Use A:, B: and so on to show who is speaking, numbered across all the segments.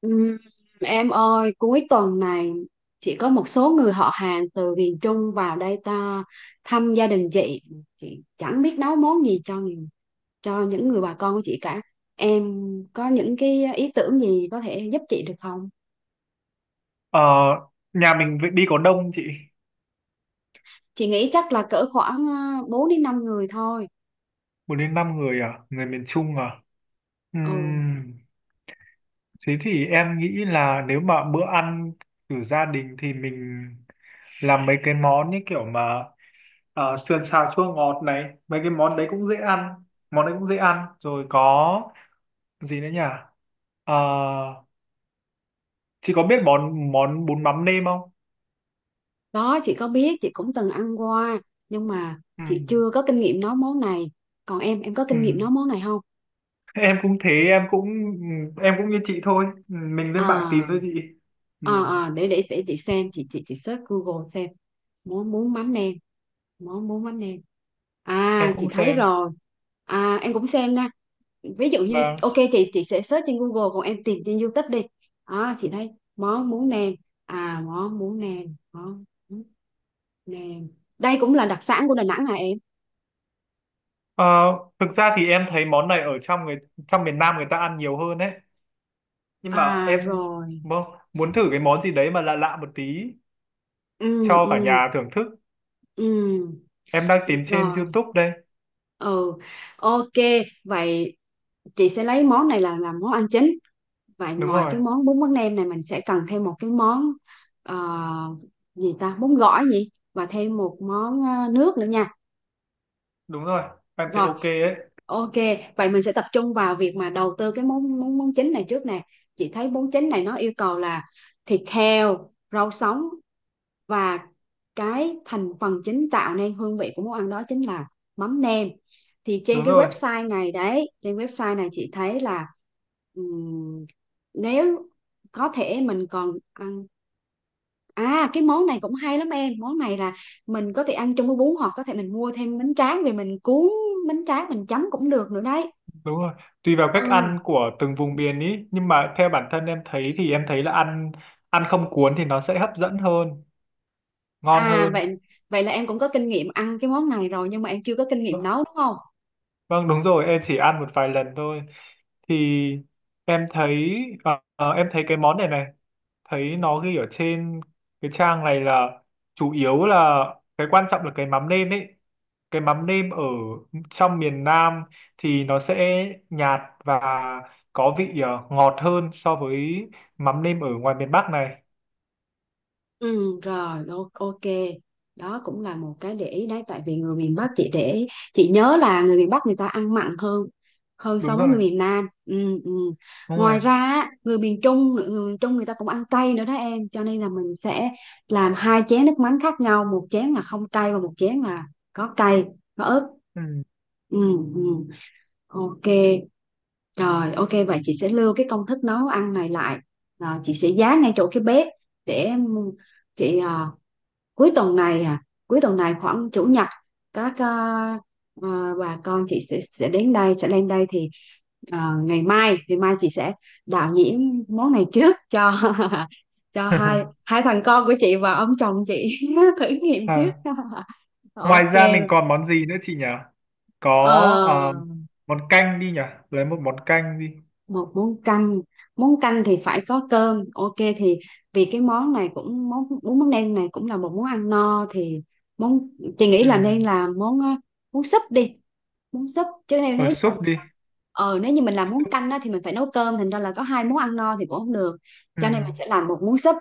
A: Ừm, em ơi, cuối tuần này chị có một số người họ hàng từ miền Trung vào đây ta thăm gia đình chị chẳng biết nấu món gì cho những người bà con của chị cả. Em có những cái ý tưởng gì có thể giúp chị được không?
B: Ờ, Nhà mình vậy đi, có đông chị?
A: Chị nghĩ chắc là cỡ khoảng 4 đến 5 người thôi.
B: 4 đến 5 người à? Người miền Trung à?
A: Ừ,
B: Ừm, Thế thì em nghĩ là nếu mà bữa ăn của gia đình thì mình làm mấy cái món như kiểu mà sườn xào chua ngọt này, mấy cái món đấy cũng dễ ăn, món đấy cũng dễ ăn rồi. Có gì nữa nhỉ? Ờ, chị có biết món món bún mắm nêm không?
A: đó chị có biết, chị cũng từng ăn qua nhưng mà chị
B: Ừm,
A: chưa có kinh nghiệm nấu món này. Còn em có kinh nghiệm nấu
B: ừm.
A: món này không?
B: Em cũng thế, em cũng như chị thôi, mình lên mạng tìm thôi
A: à
B: chị. Ừ.
A: à à, để chị xem, chị search Google xem món bún mắm nêm. món bún mắm nêm
B: Em
A: À, chị
B: cũng
A: thấy
B: xem.
A: rồi. À, em cũng xem nha. Ví dụ như
B: Vâng.
A: ok, chị sẽ search trên Google, còn em tìm trên YouTube đi. À, chị thấy món bún nêm. à món bún nêm món bún nêm Đây cũng là đặc sản của Đà Nẵng hả em?
B: Ờ, Thực ra thì em thấy món này ở trong miền Nam, người ta ăn nhiều hơn đấy, nhưng mà
A: À
B: em
A: rồi,
B: muốn thử cái món gì đấy mà lạ lạ một tí
A: ừ,
B: cho
A: ừ,
B: cả nhà thưởng thức.
A: ừ,
B: Em đang
A: được
B: tìm trên
A: rồi,
B: YouTube đây.
A: ừ, ok, vậy chị sẽ lấy món này là làm món ăn chính. Vậy
B: Đúng
A: ngoài
B: rồi.
A: cái món bún bánh nem này mình sẽ cần thêm một cái món ờ, gì ta, bún gỏi gì, và thêm một món nước nữa nha.
B: Đúng rồi, em thấy
A: Rồi,
B: ok ấy.
A: ok. Vậy mình sẽ tập trung vào việc mà đầu tư cái món món món chính này trước nè. Chị thấy món chính này nó yêu cầu là thịt heo, rau sống và cái thành phần chính tạo nên hương vị của món ăn đó chính là mắm nêm. Thì trên
B: Đúng
A: cái
B: rồi.
A: website này đấy, trên website này chị thấy là, ừm, nếu có thể mình còn ăn. À, cái món này cũng hay lắm em. Món này là mình có thể ăn chung với bún, hoặc có thể mình mua thêm bánh tráng, về mình cuốn bánh tráng, mình chấm cũng được nữa đấy.
B: Đúng rồi, tùy vào cách
A: Ừ,
B: ăn của từng vùng miền ý, nhưng mà theo bản thân em thấy thì em thấy là ăn ăn không cuốn thì nó sẽ hấp dẫn hơn, ngon
A: à,
B: hơn.
A: vậy vậy là em cũng có kinh nghiệm ăn cái món này rồi nhưng mà em chưa có kinh nghiệm
B: Vâng.
A: nấu đúng không?
B: Vâng, đúng rồi, em chỉ ăn một vài lần thôi, thì em thấy em thấy cái món này này thấy nó ghi ở trên cái trang này là chủ yếu là cái quan trọng là cái mắm nêm ấy, cái mắm nêm ở trong miền Nam thì nó sẽ nhạt và có vị ngọt hơn so với mắm nêm ở ngoài miền Bắc này.
A: Ừ rồi, ok, đó cũng là một cái để ý đấy. Tại vì người miền Bắc, chị nhớ là người miền Bắc người ta ăn mặn hơn hơn so
B: Đúng
A: với
B: rồi.
A: người miền Nam. Ừ, ừ.
B: Đúng
A: Ngoài
B: rồi.
A: ra á, người miền Trung người ta cũng ăn cay nữa đó em, cho nên là mình sẽ làm hai chén nước mắm khác nhau, một chén là không cay và một chén là có cay, có ớt.
B: Ừ.
A: Ừ, ừ. Ok, rồi ok, vậy chị sẽ lưu cái công thức nấu ăn này lại. À, chị sẽ dán ngay chỗ cái bếp để chị, cuối tuần này, khoảng chủ nhật, các à, bà con chị sẽ đến đây, sẽ lên đây, thì ngày mai chị sẽ đạo diễn món này trước cho cho hai hai thằng con của chị và ông chồng chị thử nghiệm trước.
B: À, ngoài
A: Ok.
B: ra mình còn món gì nữa chị nhỉ? Có
A: Ờ,
B: ờ, món canh đi nhỉ, lấy một món canh đi.
A: một món canh. Món canh thì phải có cơm, ok. Thì vì cái món này cũng, món bún mắm nêm này cũng là một món ăn no, thì món chị nghĩ
B: Ừ.
A: là nên làm món món súp đi. Món súp, chứ nếu
B: Ở
A: nếu như mà
B: súp đi.
A: nếu như mình làm món
B: Súp.
A: canh á, thì mình phải nấu cơm, thành ra là có hai món ăn no thì cũng không được,
B: Ừ,
A: cho nên mình sẽ làm một món súp.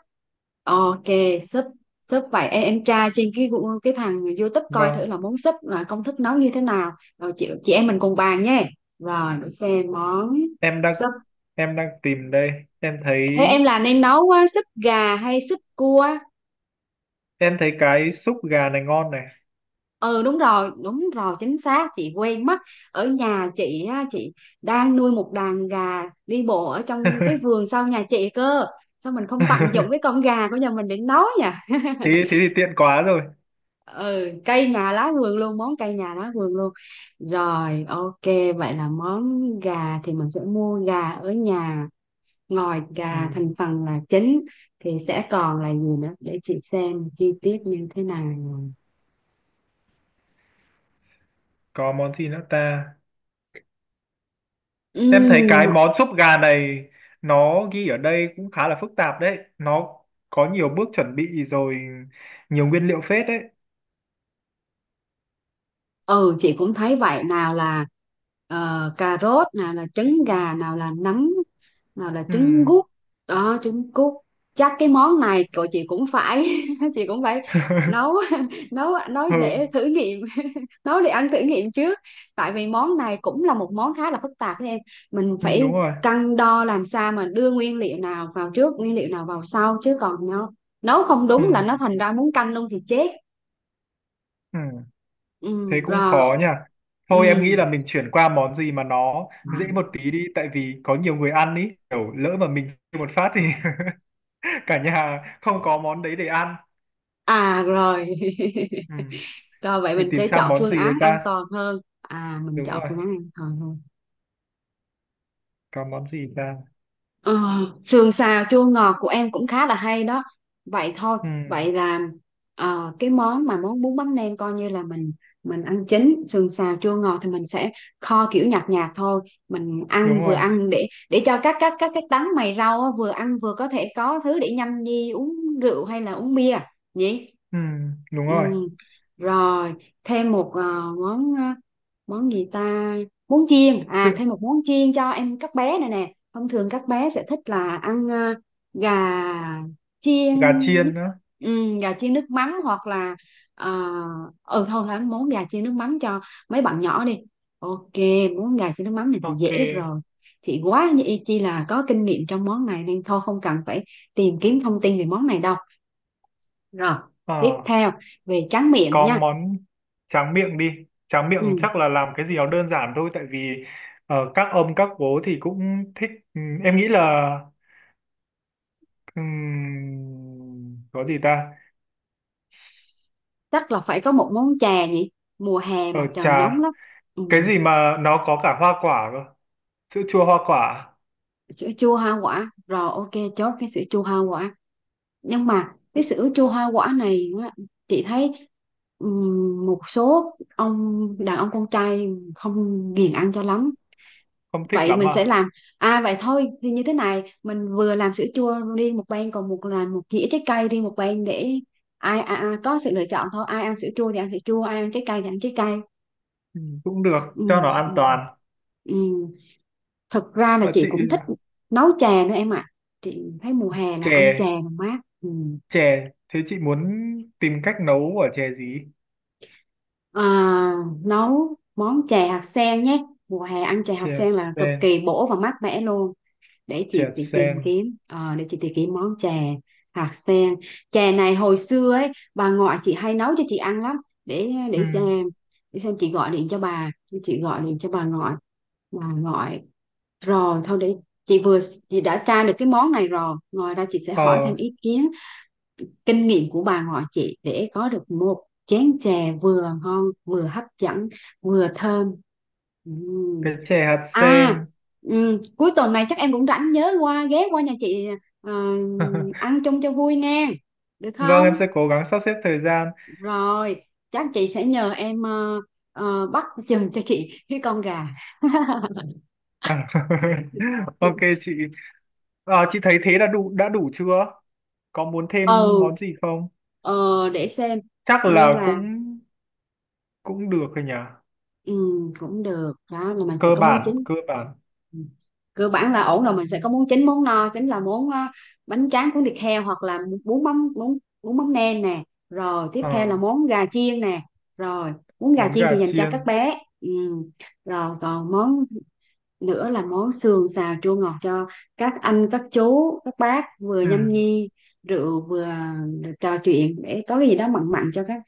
A: Ok, súp súp, vậy em tra trên cái cái thằng YouTube coi thử
B: vâng.
A: là món súp là công thức nấu như thế nào, rồi chị em mình cùng bàn nhé. Rồi để xem món
B: Em đang
A: súp.
B: em đang tìm đây. Em thấy
A: Thế em là nên nấu á, súp gà hay súp cua?
B: em thấy cái súp gà này ngon này.
A: Ừ đúng rồi, chính xác, chị quen mất. Ở nhà chị á, chị đang nuôi một đàn gà đi bộ ở trong cái vườn sau nhà chị cơ. Sao mình không tận dụng cái con gà của nhà mình để nấu nhỉ?
B: Thế thế thì tiện quá rồi.
A: Ừ, cây nhà lá vườn luôn, món cây nhà lá vườn luôn. Rồi, ok, vậy là món gà thì mình sẽ mua gà ở nhà. Ngoài
B: Ừ,
A: gà thành phần là chính thì sẽ còn là gì nữa, để chị xem chi tiết như thế nào.
B: có món gì nữa ta? Em thấy
A: Ừm,
B: cái món súp gà này nó ghi ở đây cũng khá là phức tạp đấy. Nó có nhiều bước chuẩn bị rồi nhiều nguyên liệu phết đấy.
A: ừ chị cũng thấy vậy, nào là cà rốt, nào là trứng gà, nào là nấm, nào là
B: Ừ.
A: trứng gút đó trứng cút. Chắc cái món này của chị cũng phải chị cũng phải nấu nấu nấu
B: Ừ,
A: để thử nghiệm, nấu để ăn thử nghiệm trước. Tại vì món này cũng là một món khá là phức tạp đấy em, mình
B: ừ,
A: phải
B: đúng rồi.
A: cân đo làm sao mà đưa nguyên liệu nào vào trước, nguyên liệu nào vào sau, chứ còn nó nấu không
B: Ừ.
A: đúng là nó thành ra muốn canh luôn thì chết.
B: Ừ.
A: Ừ,
B: Thế cũng khó
A: rồi.
B: nha, thôi em
A: Ừ.
B: nghĩ là mình chuyển qua món gì mà nó dễ một tí đi, tại vì có nhiều người ăn ý, kiểu lỡ mà mình kêu một phát thì cả nhà không có món đấy để ăn.
A: À rồi.
B: Ừ.
A: Rồi vậy
B: Mình
A: mình
B: tìm
A: sẽ
B: sang
A: chọn
B: món
A: phương
B: gì đấy
A: án an
B: ta,
A: toàn hơn. À, mình
B: đúng
A: chọn
B: rồi,
A: phương án an toàn hơn.
B: có món gì ta?
A: Ờ, sườn xào chua ngọt của em cũng khá là hay đó. Vậy thôi,
B: Ừ.
A: vậy là cái món mà món bún bánh nem coi như là mình ăn chính, sườn xào chua ngọt thì mình sẽ kho kiểu nhạt nhạt thôi, mình
B: Đúng
A: ăn vừa
B: rồi.
A: ăn để cho các đắng mày rau á, vừa ăn vừa có thể có thứ để nhâm nhi uống rượu hay là uống bia nhỉ?
B: Ừ. Đúng
A: Ừ.
B: rồi.
A: Rồi, thêm một món món gì ta? Món chiên. À,
B: Tự-
A: thêm một món chiên cho em, các bé này nè. Thông thường các bé sẽ thích là ăn gà chiên
B: Gà
A: nước
B: chiên nữa,
A: gà chiên nước mắm, hoặc là ờ, thôi là ăn món gà chiên nước mắm cho mấy bạn nhỏ đi. Ok, món gà chiên nước mắm này thì
B: ok,
A: dễ rồi, chị quá như y chi là có kinh nghiệm trong món này nên thôi không cần phải tìm kiếm thông tin về món này đâu. Rồi, tiếp
B: ờ
A: theo về tráng miệng
B: có
A: nha.
B: món tráng miệng đi, tráng miệng
A: Ừ,
B: chắc là làm cái gì nó đơn giản thôi, tại vì các ông các bố thì cũng thích. Ừ, em nghĩ là. Có gì ta?
A: chắc là phải có một món chè nhỉ. Mùa hè
B: Ờ
A: mà trời nóng
B: trà,
A: lắm. Ừ.
B: cái gì mà nó có cả hoa quả cơ? Sữa chua hoa quả,
A: Sữa chua hoa quả, rồi ok, chốt cái sữa chua hoa quả. Nhưng mà cái sữa chua hoa quả này á, chị thấy một số ông đàn ông con trai không ghiền ăn cho lắm.
B: không thích
A: Vậy
B: lắm
A: mình sẽ
B: à?
A: làm, à, vậy thôi thì như thế này, mình vừa làm sữa chua riêng một bên, còn một là một dĩa trái cây riêng một bên, để ai có sự lựa chọn thôi, ai ăn sữa chua thì ăn sữa chua, ai ăn trái cây thì ăn trái cây.
B: Ừ, cũng được,
A: Ừ,
B: cho nó an
A: ừ,
B: toàn.
A: ừ. Thật ra là
B: Mà
A: chị
B: chị
A: cũng thích nấu chè nữa em ạ. Chị thấy mùa hè là ăn chè
B: chè,
A: là mát. Ừ.
B: chè, thế chị muốn tìm cách nấu ở chè gì?
A: À, nấu món chè hạt sen nhé. Mùa hè ăn chè hạt
B: Chè
A: sen là cực
B: sen,
A: kỳ bổ và mát mẻ luôn. Để
B: chè
A: chị
B: hạt
A: tìm
B: sen.
A: kiếm, để chị tìm kiếm món chè hạt sen. Chè này hồi xưa ấy, bà ngoại chị hay nấu cho chị ăn lắm. Để
B: Ừm,
A: xem, để xem chị gọi điện cho bà, chị gọi điện cho bà ngoại, bà ngoại Rồi, thôi để chị vừa chị đã tra được cái món này rồi. Ngoài ra chị sẽ
B: Ờ,
A: hỏi thêm ý kiến, kinh nghiệm của bà ngoại chị, để có được một chén chè vừa ngon, vừa hấp dẫn, vừa thơm. Ừm.
B: cái chè hạt
A: À,
B: sen.
A: cuối tuần này chắc em cũng rảnh, nhớ ghé qua nhà chị, ờ, ăn chung cho vui nghe. Được
B: Vâng, em
A: không?
B: sẽ cố gắng sắp xếp thời gian.
A: Rồi, chắc chị sẽ nhờ em bắt chừng cho chị cái con gà.
B: À, ok chị. Chị thấy thế là đã đủ chưa, có muốn thêm
A: Ừ,
B: món gì không?
A: ờ, để xem,
B: Chắc
A: như
B: là
A: là,
B: cũng cũng được rồi nhỉ.
A: ừ, cũng được, đó là mình sẽ
B: Cơ
A: có món
B: bản,
A: chính.
B: cơ bản.
A: Ừ. Cơ bản là ổn rồi, mình sẽ có món chính, món no chính là món bánh tráng cuốn thịt heo hoặc là bún mắm bún bún mắm nêm nè. Rồi tiếp theo là
B: Ờ,
A: món gà chiên nè. Rồi, món gà
B: Món
A: chiên
B: gà
A: thì dành cho
B: chiên.
A: các bé. Ừ. Rồi còn món nữa là món sườn xào chua ngọt cho các anh các chú các bác vừa
B: Ừ,
A: nhâm nhi rượu vừa trò chuyện, để có cái gì đó mặn mặn cho các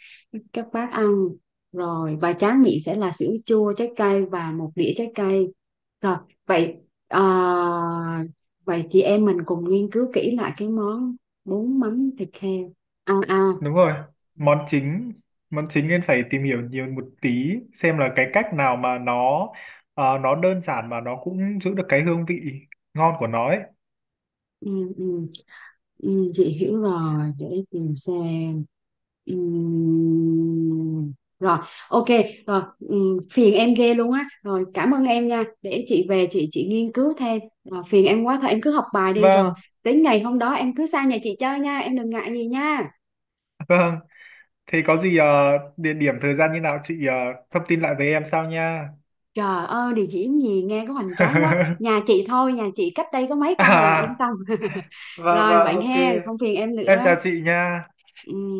A: các bác ăn. Rồi, và tráng miệng sẽ là sữa chua trái cây và một đĩa trái cây. Rồi vậy, ờ, vậy chị em mình cùng nghiên cứu kỹ lại cái món bún mắm thịt heo, à.
B: đúng rồi. Món chính món chính nên phải tìm hiểu nhiều một tí xem là cái cách nào mà nó nó đơn giản mà nó cũng giữ được cái hương vị ngon của nó ấy.
A: Ừ, ừ. Ừ, chị hiểu rồi để tìm xem. Ừm, Rồi, ok, rồi, phiền em ghê luôn á, rồi cảm ơn em nha, để chị về chị nghiên cứu thêm. Rồi, phiền em quá, thôi em cứ học bài đi rồi
B: Vâng,
A: đến ngày hôm đó em cứ sang nhà chị chơi nha, em đừng ngại gì nha.
B: thế có gì địa điểm thời gian như nào chị thông tin lại với em sau nha.
A: Trời ơi, địa chỉ gì nghe có hoành tráng quá, nhà chị thôi. Nhà chị cách đây có mấy căn à, yên
B: À,
A: tâm.
B: vâng
A: Rồi
B: vâng,
A: vậy
B: ok.
A: he, không phiền em
B: Em
A: nữa.
B: chào chị nha.
A: Ừm.